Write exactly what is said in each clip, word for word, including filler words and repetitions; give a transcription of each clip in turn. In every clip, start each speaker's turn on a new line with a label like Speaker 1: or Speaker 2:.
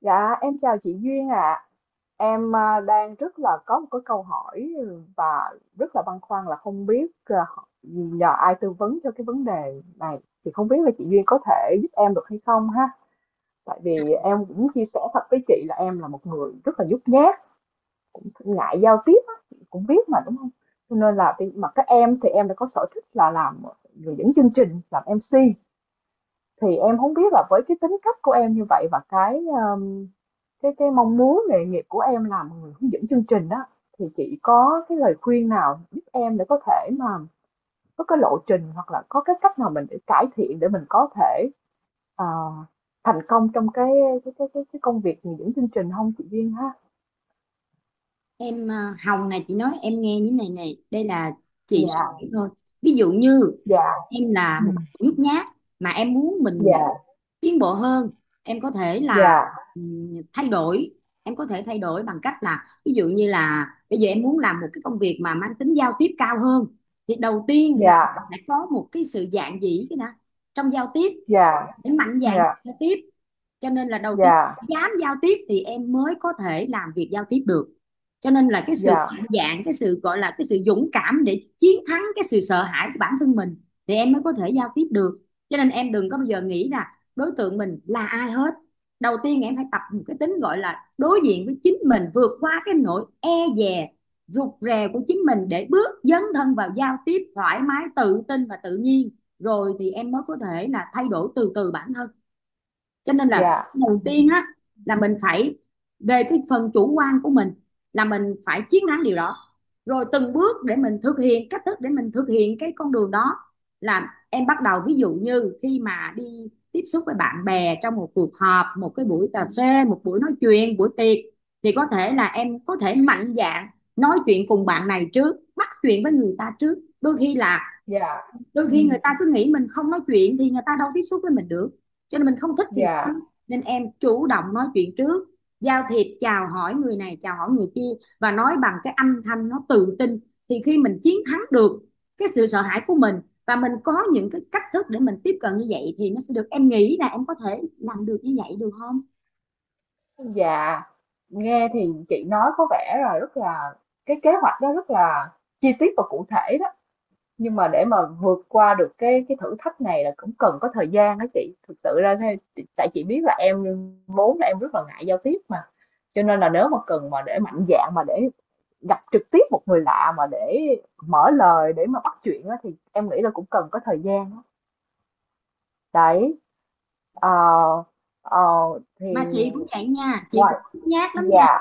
Speaker 1: Dạ, em chào chị Duyên ạ. Em à, đang rất là có một cái câu hỏi và rất là băn khoăn là không biết à, nhờ ai tư vấn cho cái vấn đề này. Thì không biết là chị Duyên có thể giúp em được hay không ha. Tại vì em cũng chia sẻ thật với chị là em là một người rất là nhút nhát, ngại giao tiếp á, chị cũng biết mà đúng không? Cho nên là khi- mà các em thì em đã có sở thích là làm ờ, người dẫn chương trình, làm em xê thì em không biết là với cái tính cách của em như vậy và cái, ờm, cái cái mong muốn nghề nghiệp của em làm một người hướng dẫn chương trình đó thì chị có cái lời khuyên nào giúp em để có thể mà có cái lộ trình hoặc là có cái cách nào mình để cải thiện để mình có thể, ờ, thành công trong cái cái cái cái cái công việc hướng dẫn chương trình không chị Duyên ha?
Speaker 2: Em à, Hồng này chị nói em nghe như này này đây là chị suy
Speaker 1: Dạ,
Speaker 2: nghĩ thôi. Ví dụ như
Speaker 1: dạ,
Speaker 2: em là một
Speaker 1: ừm,
Speaker 2: người nhút nhát mà em muốn mình
Speaker 1: dạ,
Speaker 2: tiến bộ hơn, em có thể là
Speaker 1: dạ,
Speaker 2: ừm, thay đổi. Em có thể thay đổi bằng cách là ví dụ như là bây giờ em muốn làm một cái công việc mà mang tính giao tiếp cao hơn, thì đầu tiên là
Speaker 1: dạ,
Speaker 2: phải có một cái sự dạn dĩ cái nè, trong giao tiếp,
Speaker 1: dạ,
Speaker 2: để mạnh dạn
Speaker 1: dạ,
Speaker 2: giao tiếp. Cho nên là đầu tiên,
Speaker 1: dạ,
Speaker 2: dám giao tiếp thì em mới có thể làm việc giao tiếp được. Cho nên là cái sự
Speaker 1: dạ,
Speaker 2: mạnh dạn, cái sự gọi là cái sự dũng cảm để chiến thắng cái sự sợ hãi của bản thân mình thì em mới có thể giao tiếp được. Cho nên em đừng có bao giờ nghĩ là đối tượng mình là ai hết. Đầu tiên em phải tập một cái tính gọi là đối diện với chính mình, vượt qua cái nỗi e dè, rụt rè của chính mình để bước dấn thân vào giao tiếp thoải mái, tự tin và tự nhiên. Rồi thì em mới có thể là thay đổi từ từ bản thân. Cho nên là
Speaker 1: dạ,
Speaker 2: đầu
Speaker 1: ừm,
Speaker 2: tiên á, là mình phải, về cái phần chủ quan của mình, là mình phải chiến thắng điều đó. Rồi từng bước để mình thực hiện cách thức để mình thực hiện cái con đường đó, là em bắt đầu ví dụ như khi mà đi tiếp xúc với bạn bè trong một cuộc họp, một cái buổi cà phê, một buổi nói chuyện, buổi tiệc, thì có thể là em có thể mạnh dạn nói chuyện cùng bạn này trước, bắt chuyện với người ta trước. đôi khi là
Speaker 1: dạ,
Speaker 2: đôi khi người
Speaker 1: ừm,
Speaker 2: ta cứ nghĩ mình không nói chuyện thì người ta đâu tiếp xúc với mình được, cho nên mình không thích thì sao.
Speaker 1: dạ.
Speaker 2: Nên em chủ động nói chuyện trước, giao thiệp, chào hỏi người này, chào hỏi người kia, và nói bằng cái âm thanh nó tự tin. Thì khi mình chiến thắng được cái sự sợ hãi của mình, và mình có những cái cách thức để mình tiếp cận như vậy thì nó sẽ được. Em nghĩ là em có thể làm được như vậy được không?
Speaker 1: Dạ, nghe thì chị nói có vẻ là rất là cái kế hoạch đó rất là chi tiết và cụ thể đó. Nhưng mà để mà vượt qua được cái cái thử thách này là cũng cần có thời gian đó chị. Thực sự ra thế- chị- tại chị biết là em vốn là em rất là ngại giao tiếp mà. Cho nên là nếu mà cần mà để mạnh dạn mà để gặp trực tiếp một người lạ mà để mở lời để mà bắt chuyện á, thì em nghĩ là cũng cần có thời gian đó. Đấy ờ, ờ, thì
Speaker 2: Mà chị cũng vậy nha, chị
Speaker 1: ngoài
Speaker 2: cũng nhát lắm nha,
Speaker 1: Dạ,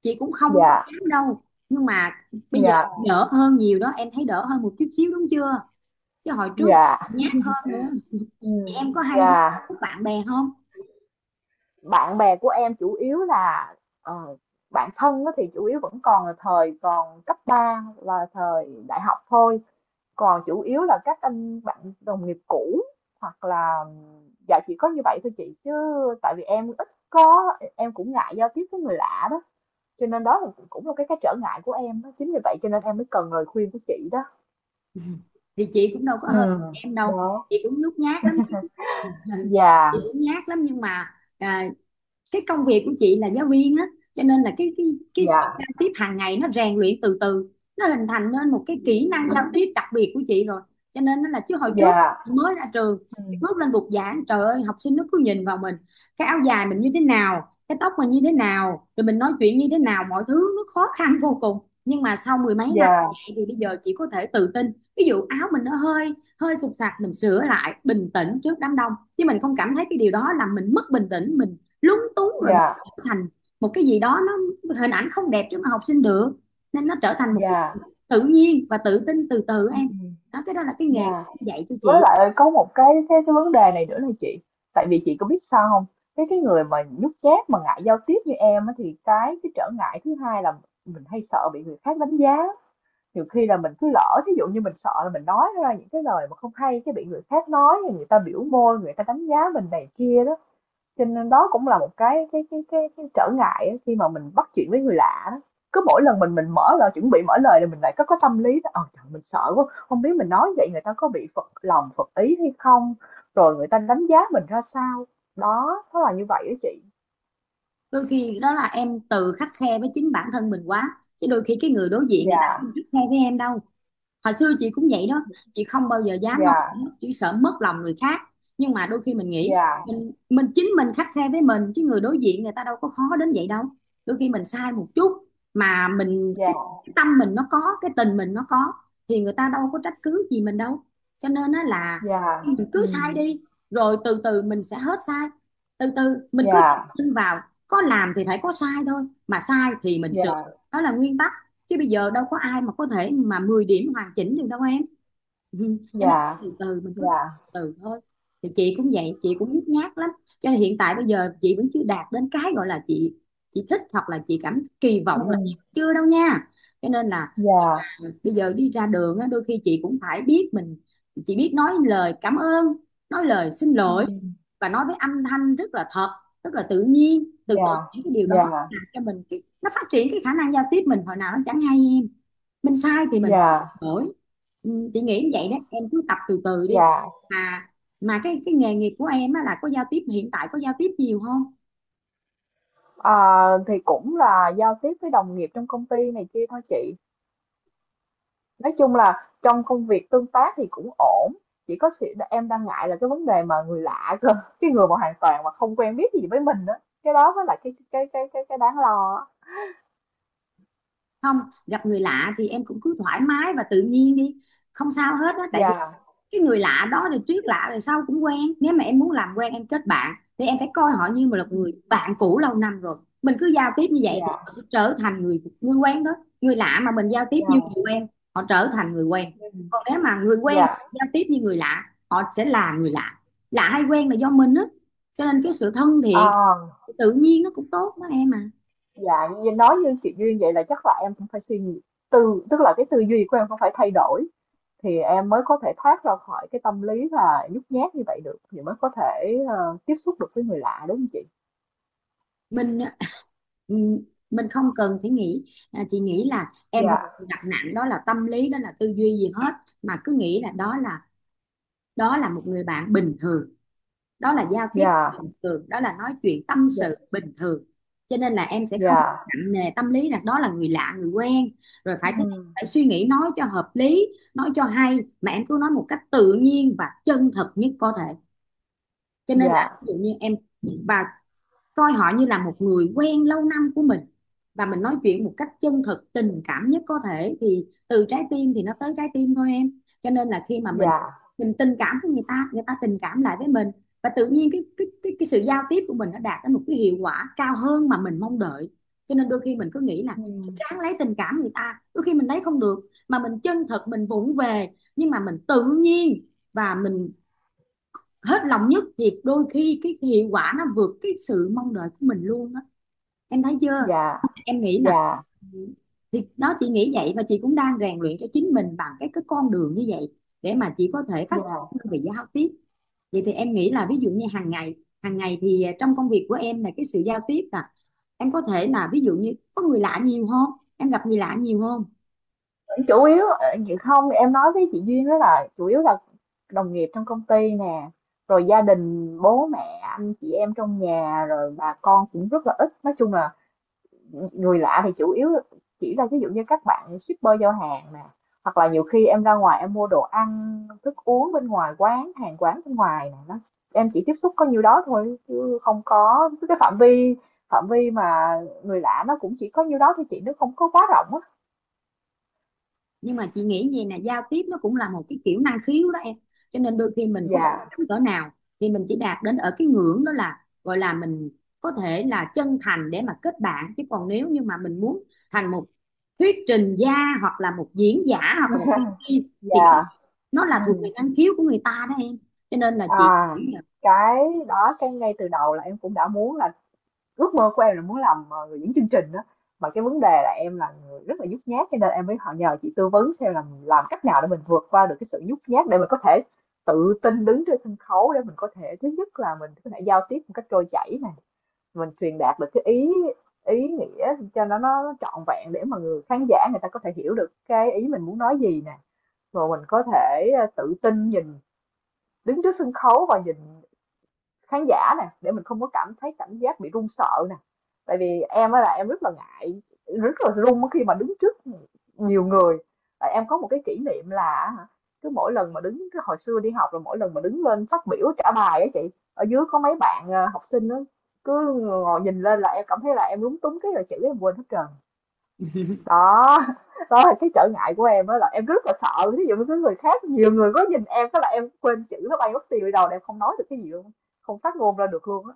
Speaker 2: chị cũng không có
Speaker 1: dạ,
Speaker 2: dám đâu, nhưng mà bây giờ
Speaker 1: dạ.
Speaker 2: đỡ hơn nhiều đó, em thấy đỡ hơn một chút xíu đúng chưa, chứ hồi trước
Speaker 1: Dạ,
Speaker 2: nhát hơn nữa. Thì
Speaker 1: ừm,
Speaker 2: em có hay đi
Speaker 1: dạ.
Speaker 2: với bạn bè không?
Speaker 1: Bạn bè của em chủ yếu là, ờ, bạn thân á thì chủ yếu vẫn còn là thời còn cấp ba và thời đại học thôi, còn chủ yếu là các anh bạn đồng nghiệp cũ hoặc là dạ chỉ có như vậy thôi chị, chứ tại vì em ít có em cũng ngại giao tiếp với người lạ đó, cho nên đó là cũng là cái cái trở ngại của em đó, chính vì vậy cho nên em mới cần lời khuyên của chị đó.
Speaker 2: Ừ. Thì chị cũng đâu có hơn
Speaker 1: Ừm,
Speaker 2: em đâu,
Speaker 1: đó,
Speaker 2: chị cũng nhút nhát lắm. Ừ, chị
Speaker 1: dạ,
Speaker 2: cũng nhát lắm, nhưng mà à, cái công việc của chị là giáo viên á, cho nên là cái cái cái sự
Speaker 1: dạ,
Speaker 2: giao tiếp hàng ngày nó rèn luyện từ từ, nó hình thành nên một cái kỹ năng giao tiếp đặc biệt của chị rồi. Cho nên nó là, chứ hồi trước
Speaker 1: dạ,
Speaker 2: chị mới ra trường, chị
Speaker 1: ừm,
Speaker 2: bước lên bục giảng, trời ơi, học sinh nó cứ nhìn vào mình, cái áo dài mình như thế nào, cái tóc mình như thế nào, rồi mình nói chuyện như thế nào, mọi thứ nó khó khăn vô cùng. Nhưng mà sau mười mấy năm
Speaker 1: dạ.
Speaker 2: như vậy thì bây giờ chị có thể tự tin, ví dụ áo mình nó hơi hơi sụp sạc mình sửa lại, bình tĩnh trước đám đông, chứ mình không cảm thấy cái điều đó làm mình mất bình tĩnh, mình lúng túng rồi mình
Speaker 1: Dạ,
Speaker 2: trở thành một cái gì đó nó hình ảnh không đẹp trước mà học sinh được. Nên nó trở thành một cái
Speaker 1: dạ,
Speaker 2: tự nhiên và tự tin từ từ em.
Speaker 1: ừm,
Speaker 2: Đó, cái đó là cái nghề
Speaker 1: dạ.
Speaker 2: dạy cho
Speaker 1: Với
Speaker 2: chị.
Speaker 1: lại có một cái cái cái vấn đề này nữa là chị, tại vì chị có biết sao không. Cái cái người mà nhút nhát mà ngại giao tiếp như em á, thì cái cái trở ngại thứ hai là mình hay sợ bị người khác đánh giá. Nhiều khi là mình cứ lỡ, ví dụ như mình sợ là mình nói ra những cái lời mà không hay, cái bị người khác nói, rồi người ta biểu môi, người ta đánh giá mình này kia đó. Cho nên đó cũng là một cái cái cái cái cái trở ngại á, khi mà mình bắt chuyện với người lạ đó. Cứ mỗi lần mình mình mở lời chuẩn bị mở lời là mình lại có có tâm lý đó, ờ trời mình sợ quá, không biết mình nói vậy người ta có bị phật lòng phật ý hay không, rồi người ta đánh giá mình ra sao. Đó, nó là như vậy đó chị.
Speaker 2: Đôi khi đó là em tự khắt khe với chính bản thân mình quá, chứ đôi khi cái người đối diện người ta
Speaker 1: Dạ,
Speaker 2: không khắt khe với em đâu. Hồi xưa chị cũng vậy đó, chị không bao giờ dám nói
Speaker 1: dạ,
Speaker 2: gì hết, chỉ sợ mất lòng người khác. Nhưng mà đôi khi mình nghĩ
Speaker 1: dạ,
Speaker 2: mình mình chính mình khắt khe với mình, chứ người đối diện người ta đâu có khó đến vậy đâu. Đôi khi mình sai một chút mà mình
Speaker 1: dạ,
Speaker 2: cái, cái tâm mình nó có, cái tình mình nó có, thì người ta đâu có trách cứ gì mình đâu. Cho nên á là
Speaker 1: dạ.
Speaker 2: mình cứ sai
Speaker 1: Ừ,
Speaker 2: đi, rồi từ từ mình sẽ hết sai. Từ từ mình cứ
Speaker 1: dạ,
Speaker 2: tin vào, có làm thì phải có sai thôi, mà sai thì mình sửa,
Speaker 1: dạ,
Speaker 2: đó là nguyên tắc. Chứ bây giờ đâu có ai mà có thể mà mười điểm hoàn chỉnh được đâu em. Ừ, cho nên
Speaker 1: dạ,
Speaker 2: từ từ mình cứ
Speaker 1: dạ.
Speaker 2: từ từ thôi. Thì chị cũng vậy, chị cũng nhút nhát lắm, cho nên hiện tại bây giờ chị vẫn chưa đạt đến cái gọi là chị chị thích, hoặc là chị cảm kỳ vọng là,
Speaker 1: Ừ,
Speaker 2: chưa đâu nha. Cho nên là
Speaker 1: dạ.
Speaker 2: ừ, bây giờ đi ra đường á, đôi khi chị cũng phải biết mình, chị biết nói lời cảm ơn, nói lời xin
Speaker 1: Ừ,
Speaker 2: lỗi, và nói với âm thanh rất là thật, rất là tự nhiên. Từ từ
Speaker 1: dạ,
Speaker 2: những cái điều đó
Speaker 1: dạ,
Speaker 2: làm cho mình cái, nó phát triển cái khả năng giao tiếp mình hồi nào nó chẳng hay em. Mình sai thì mình có
Speaker 1: dạ,
Speaker 2: đổi. Ừ, chị nghĩ vậy đó, em cứ tập từ từ đi.
Speaker 1: dạ.
Speaker 2: Mà mà cái cái nghề nghiệp của em á, là có giao tiếp hiện tại có giao tiếp nhiều không?
Speaker 1: À, thì cũng là giao tiếp với đồng nghiệp trong công ty này kia thôi chị, nói chung là trong công việc tương tác thì cũng ổn, chỉ có sự em đang ngại là cái vấn đề mà người lạ cơ cái người mà hoàn toàn mà không quen biết gì với mình đó, cái đó mới là cái cái cái cái cái đáng lo á.
Speaker 2: Không, gặp người lạ thì em cũng cứ thoải mái và tự nhiên đi, không sao hết á. Tại vì
Speaker 1: Dạ.
Speaker 2: cái người lạ đó rồi tuyết lạ rồi sau cũng quen, nếu mà em muốn làm quen, em kết bạn, thì em phải coi họ như một là
Speaker 1: Ừ.
Speaker 2: người bạn cũ lâu năm rồi. Mình cứ giao tiếp như vậy thì
Speaker 1: Dạ,
Speaker 2: họ sẽ trở thành người người quen đó. Người lạ mà mình giao tiếp như
Speaker 1: dạ,
Speaker 2: người quen, họ trở thành người quen.
Speaker 1: ừ,
Speaker 2: Còn nếu mà người quen mà
Speaker 1: dạ,
Speaker 2: giao tiếp như người lạ, họ sẽ là người lạ. Lạ hay quen là do mình á, cho nên cái sự thân thiện,
Speaker 1: à,
Speaker 2: tự nhiên nó cũng tốt đó em à.
Speaker 1: dạ như nói như chị Duyên vậy là chắc là em cũng phải suy nghĩ, tư tức là cái tư duy của em cũng phải thay đổi thì em mới có thể thoát ra khỏi cái tâm lý là nhút nhát như vậy được thì mới có thể ờ, tiếp xúc được với người lạ đúng không chị?
Speaker 2: mình ừm, mình không cần phải nghĩ. À, chị nghĩ là em không
Speaker 1: Dạ,
Speaker 2: đặt nặng đó là tâm lý, đó là tư duy gì hết, mà cứ nghĩ là đó là đó là một người bạn bình thường, đó là giao tiếp
Speaker 1: dạ,
Speaker 2: bình thường, đó là nói chuyện tâm
Speaker 1: dạ,
Speaker 2: sự bình thường. Cho nên là em sẽ không
Speaker 1: dạ,
Speaker 2: nặng nề tâm lý là đó là người lạ, người quen, rồi phải thế này,
Speaker 1: ừ,
Speaker 2: phải suy nghĩ nói cho hợp lý, nói cho hay, mà em cứ nói một cách tự nhiên và chân thật nhất có thể. Cho nên là
Speaker 1: dạ,
Speaker 2: ví dụ như em, và coi họ như là một người quen lâu năm của mình, và mình nói chuyện một cách chân thực, tình cảm nhất có thể, thì từ trái tim thì nó tới trái tim thôi em. Cho nên là khi mà mình
Speaker 1: dạ,
Speaker 2: mình tình cảm với người ta, người ta tình cảm lại với mình, và tự nhiên cái cái cái, cái sự giao tiếp của mình nó đạt đến một cái hiệu quả cao hơn mà mình mong đợi. Cho nên đôi khi mình cứ nghĩ là
Speaker 1: ừ,
Speaker 2: ráng lấy tình cảm người ta, đôi khi mình lấy không được, mà mình chân thật, mình vụng về, nhưng mà mình tự nhiên và mình hết lòng nhất, thì đôi khi cái hiệu quả nó vượt cái sự mong đợi của mình luôn á. Em thấy chưa,
Speaker 1: dạ,
Speaker 2: em nghĩ nè,
Speaker 1: dạ,
Speaker 2: thì đó, chị nghĩ vậy. Và chị cũng đang rèn luyện cho chính mình bằng cái cái con đường như vậy để mà chị có thể phát
Speaker 1: dạ.
Speaker 2: triển về giao tiếp. Vậy thì em nghĩ là ví dụ như hàng ngày, hàng ngày thì à, trong công việc của em là cái sự giao tiếp là em có thể là ví dụ như có người lạ nhiều không, em gặp người lạ nhiều không?
Speaker 1: Chủ yếu ờ, chị không em nói với chị Duyên đó là chủ yếu là đồng nghiệp trong công ty nè, rồi gia đình bố mẹ anh chị em trong nhà rồi bà con cũng rất là ít. Nói chung là người lạ thì chủ yếu chỉ là ví dụ như các bạn shipper giao hàng nè, hoặc là nhiều khi em ra ngoài em mua đồ ăn thức uống bên ngoài quán hàng quán bên ngoài nè đó, em chỉ tiếp xúc có nhiêu đó thôi chứ không có cái phạm vi phạm vi mà người lạ nó cũng chỉ có nhiêu đó thôi chị, nó không có quá rộng á.
Speaker 2: Nhưng mà chị nghĩ gì nè, giao tiếp nó cũng là một cái kiểu năng khiếu đó em. Cho nên đôi khi mình có cố
Speaker 1: Dạ,
Speaker 2: gắng cỡ nào thì mình chỉ đạt đến ở cái ngưỡng đó, là gọi là mình có thể là chân thành để mà kết bạn. Chứ còn nếu như mà mình muốn thành một thuyết trình gia, hoặc là một diễn giả, hoặc là một diễn viên, thì
Speaker 1: dạ,
Speaker 2: nó là thuộc
Speaker 1: ừ.
Speaker 2: về năng khiếu của người ta đó em. Cho nên là chị,
Speaker 1: À, cái đó cái ngay từ đầu là em cũng đã muốn là. Ước mơ của em là muốn làm, ờ, người dẫn chương trình đó, mà cái vấn đề là em là người rất là nhút nhát cho nên em mới họ nhờ chị tư vấn xem là làm cách nào để mình vượt qua được cái sự nhút nhát để mình có thể tự tin đứng trên sân khấu để mình có thể thứ nhất là mình có thể giao tiếp một cách trôi chảy này, mình truyền đạt được cái ý ý nghĩa cho nó nó trọn vẹn để mà người khán giả người ta có thể hiểu được cái ý mình muốn nói gì nè, rồi mình có thể ờ, tự tin nhìn đứng trước sân khấu và nhìn khán giả nè, để mình không có cảm thấy cảm giác bị run sợ nè. Tại vì em á là em rất là ngại, rất là run khi mà đứng trước nhiều người. Tại em có một cái kỷ niệm là cứ mỗi lần mà đứng cái hồi xưa đi học là mỗi lần mà đứng lên phát biểu trả bài á chị, ở dưới có mấy bạn ờ, học sinh đó cứ ngồi nhìn lên là em cảm thấy là em lúng túng cái là chữ em quên hết trơn. Đó, đó là cái trở ngại của em, đó là em rất là sợ ví dụ như cái người khác nhiều người có nhìn em cái là em quên chữ nó bay mất tiêu đi đầu là em không nói được cái gì luôn, không phát ngôn ra được luôn á.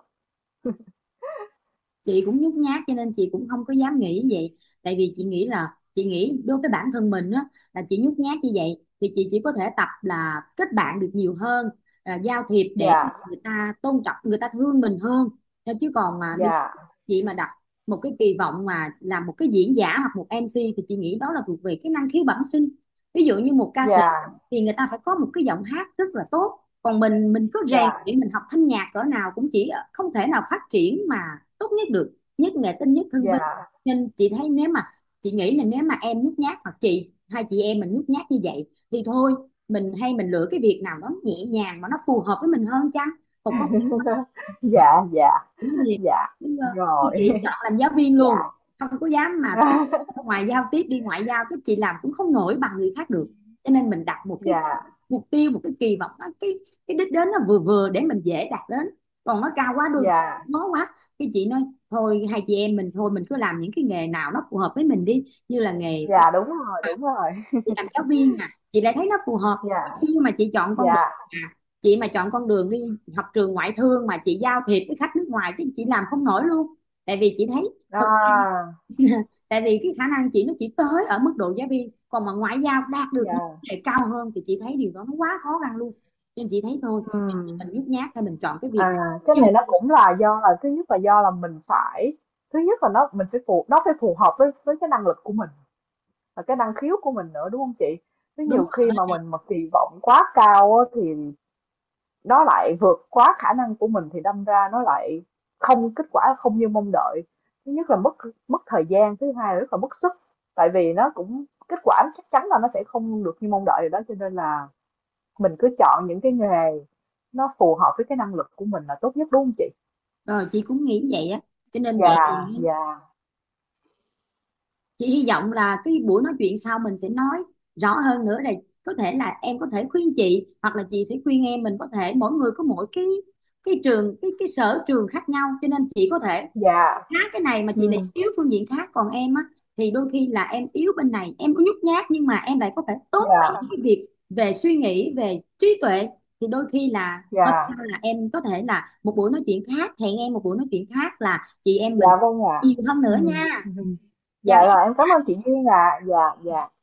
Speaker 2: chị cũng nhút nhát cho nên chị cũng không có dám nghĩ như vậy. Tại vì chị nghĩ là, chị nghĩ đối với bản thân mình á, là chị nhút nhát như vậy thì chị chỉ có thể tập là kết bạn được nhiều hơn, à, giao thiệp để
Speaker 1: Dạ,
Speaker 2: người ta tôn trọng, người ta thương mình hơn. Nên chứ còn mà bây giờ
Speaker 1: dạ,
Speaker 2: chị mà đặt một cái kỳ vọng mà làm một cái diễn giả hoặc một em c, thì chị nghĩ đó là thuộc về cái năng khiếu bẩm sinh. Ví dụ như một ca sĩ
Speaker 1: dạ,
Speaker 2: thì người ta phải có một cái giọng hát rất là tốt. Còn mình mình cứ rèn
Speaker 1: dạ,
Speaker 2: luyện, mình học thanh nhạc cỡ nào cũng chỉ ở- không thể nào phát triển mà tốt nhất được. Nhất nghệ tinh, nhất hương vinh.
Speaker 1: dạ.
Speaker 2: Nên chị thấy nếu mà, chị nghĩ là nếu mà em nhút nhát, hoặc chị, hai chị em mình nhút nhát như vậy thì thôi, mình hay mình lựa cái việc nào nó nhẹ nhàng mà nó phù hợp với mình hơn chăng. Còn có
Speaker 1: Dạ, dạ,
Speaker 2: cũng thì,
Speaker 1: dạ,
Speaker 2: nhưng mà
Speaker 1: rồi.
Speaker 2: chị chọn làm giáo viên luôn,
Speaker 1: Dạ.
Speaker 2: không có dám mà tiếp, ngoài giao tiếp đi ngoại giao, cái chị làm cũng không nổi bằng người khác được. Cho nên mình đặt một cái
Speaker 1: Dạ,
Speaker 2: mục tiêu, một cái kỳ vọng nó- cái cái đích đến nó vừa vừa để mình dễ đạt đến. Còn nó cao quá, đôi khi
Speaker 1: dạ,
Speaker 2: nó quá, cái chị nói thôi, hai chị em mình thôi, mình cứ làm những cái nghề nào nó phù hợp với mình đi. Như là nghề
Speaker 1: dạ, đúng rồi, đúng rồi.
Speaker 2: chị làm giáo viên, à, chị lại thấy nó phù hợp. Hồi
Speaker 1: Dạ,
Speaker 2: xưa mà chị chọn con
Speaker 1: dạ,
Speaker 2: đường à chị mà chọn con đường đi học trường ngoại thương mà chị giao thiệp với khách nước ngoài chứ, chị làm không nổi luôn. Tại vì chị thấy thực,
Speaker 1: à,
Speaker 2: tại vì cái khả năng chị nó chỉ tới ở mức độ giáo viên, còn mà ngoại giao đạt được những
Speaker 1: dạ,
Speaker 2: vấn đề cao hơn thì chị thấy điều đó nó quá khó khăn luôn. Nên chị thấy thôi,
Speaker 1: ừ.
Speaker 2: mình nhút nhát thôi mình chọn cái việc này.
Speaker 1: À, cái
Speaker 2: Chừng-
Speaker 1: này nó cũng là do là thứ nhất là do là mình phải thứ nhất là nó mình phải phù nó phải phù hợp với với cái năng lực của mình và cái năng khiếu của mình nữa đúng không chị? Chứ
Speaker 2: Đúng
Speaker 1: nhiều khi
Speaker 2: rồi,
Speaker 1: mà mình mà kỳ vọng quá cao á, thì nó lại vượt quá khả năng của mình thì đâm ra nó lại không kết quả không như mong đợi. Thứ nhất là mất mất thời gian, thứ hai là rất là mất sức. Tại vì nó cũng kết quả chắc chắn là nó sẽ không được như mong đợi rồi đó cho nên là mình cứ chọn những cái nghề nó phù hợp với cái năng lực của mình là tốt nhất đúng không chị?
Speaker 2: đó. Rồi chị cũng nghĩ vậy á. Cho nên vậy
Speaker 1: Dạ,
Speaker 2: thì
Speaker 1: dạ,
Speaker 2: chị hy vọng là cái buổi nói chuyện sau mình sẽ nói rõ hơn nữa này, có thể là em có thể khuyên chị, hoặc là chị sẽ khuyên em. Mình có thể mỗi người có mỗi cái cái trường cái cái sở trường khác nhau, cho nên chị có thể
Speaker 1: dạ,
Speaker 2: khá cái này mà chị lại
Speaker 1: ừm,
Speaker 2: yếu phương diện khác. Còn em á, thì đôi khi là em yếu bên này, em có nhút nhát, nhưng mà em lại có thể tốt về
Speaker 1: dạ,
Speaker 2: những cái việc về suy nghĩ, về trí tuệ. Thì đôi khi là hôm
Speaker 1: dạ,
Speaker 2: sau là em có thể là một buổi nói chuyện khác, hẹn em một buổi nói chuyện khác là chị em
Speaker 1: dạ,
Speaker 2: mình
Speaker 1: vâng ạ.
Speaker 2: nhiều hơn nữa
Speaker 1: Ừm,
Speaker 2: nha.
Speaker 1: ừm, dạ,
Speaker 2: Chào.
Speaker 1: rồi, em cảm ơn chị Duyên ạ. Dạ, dạ.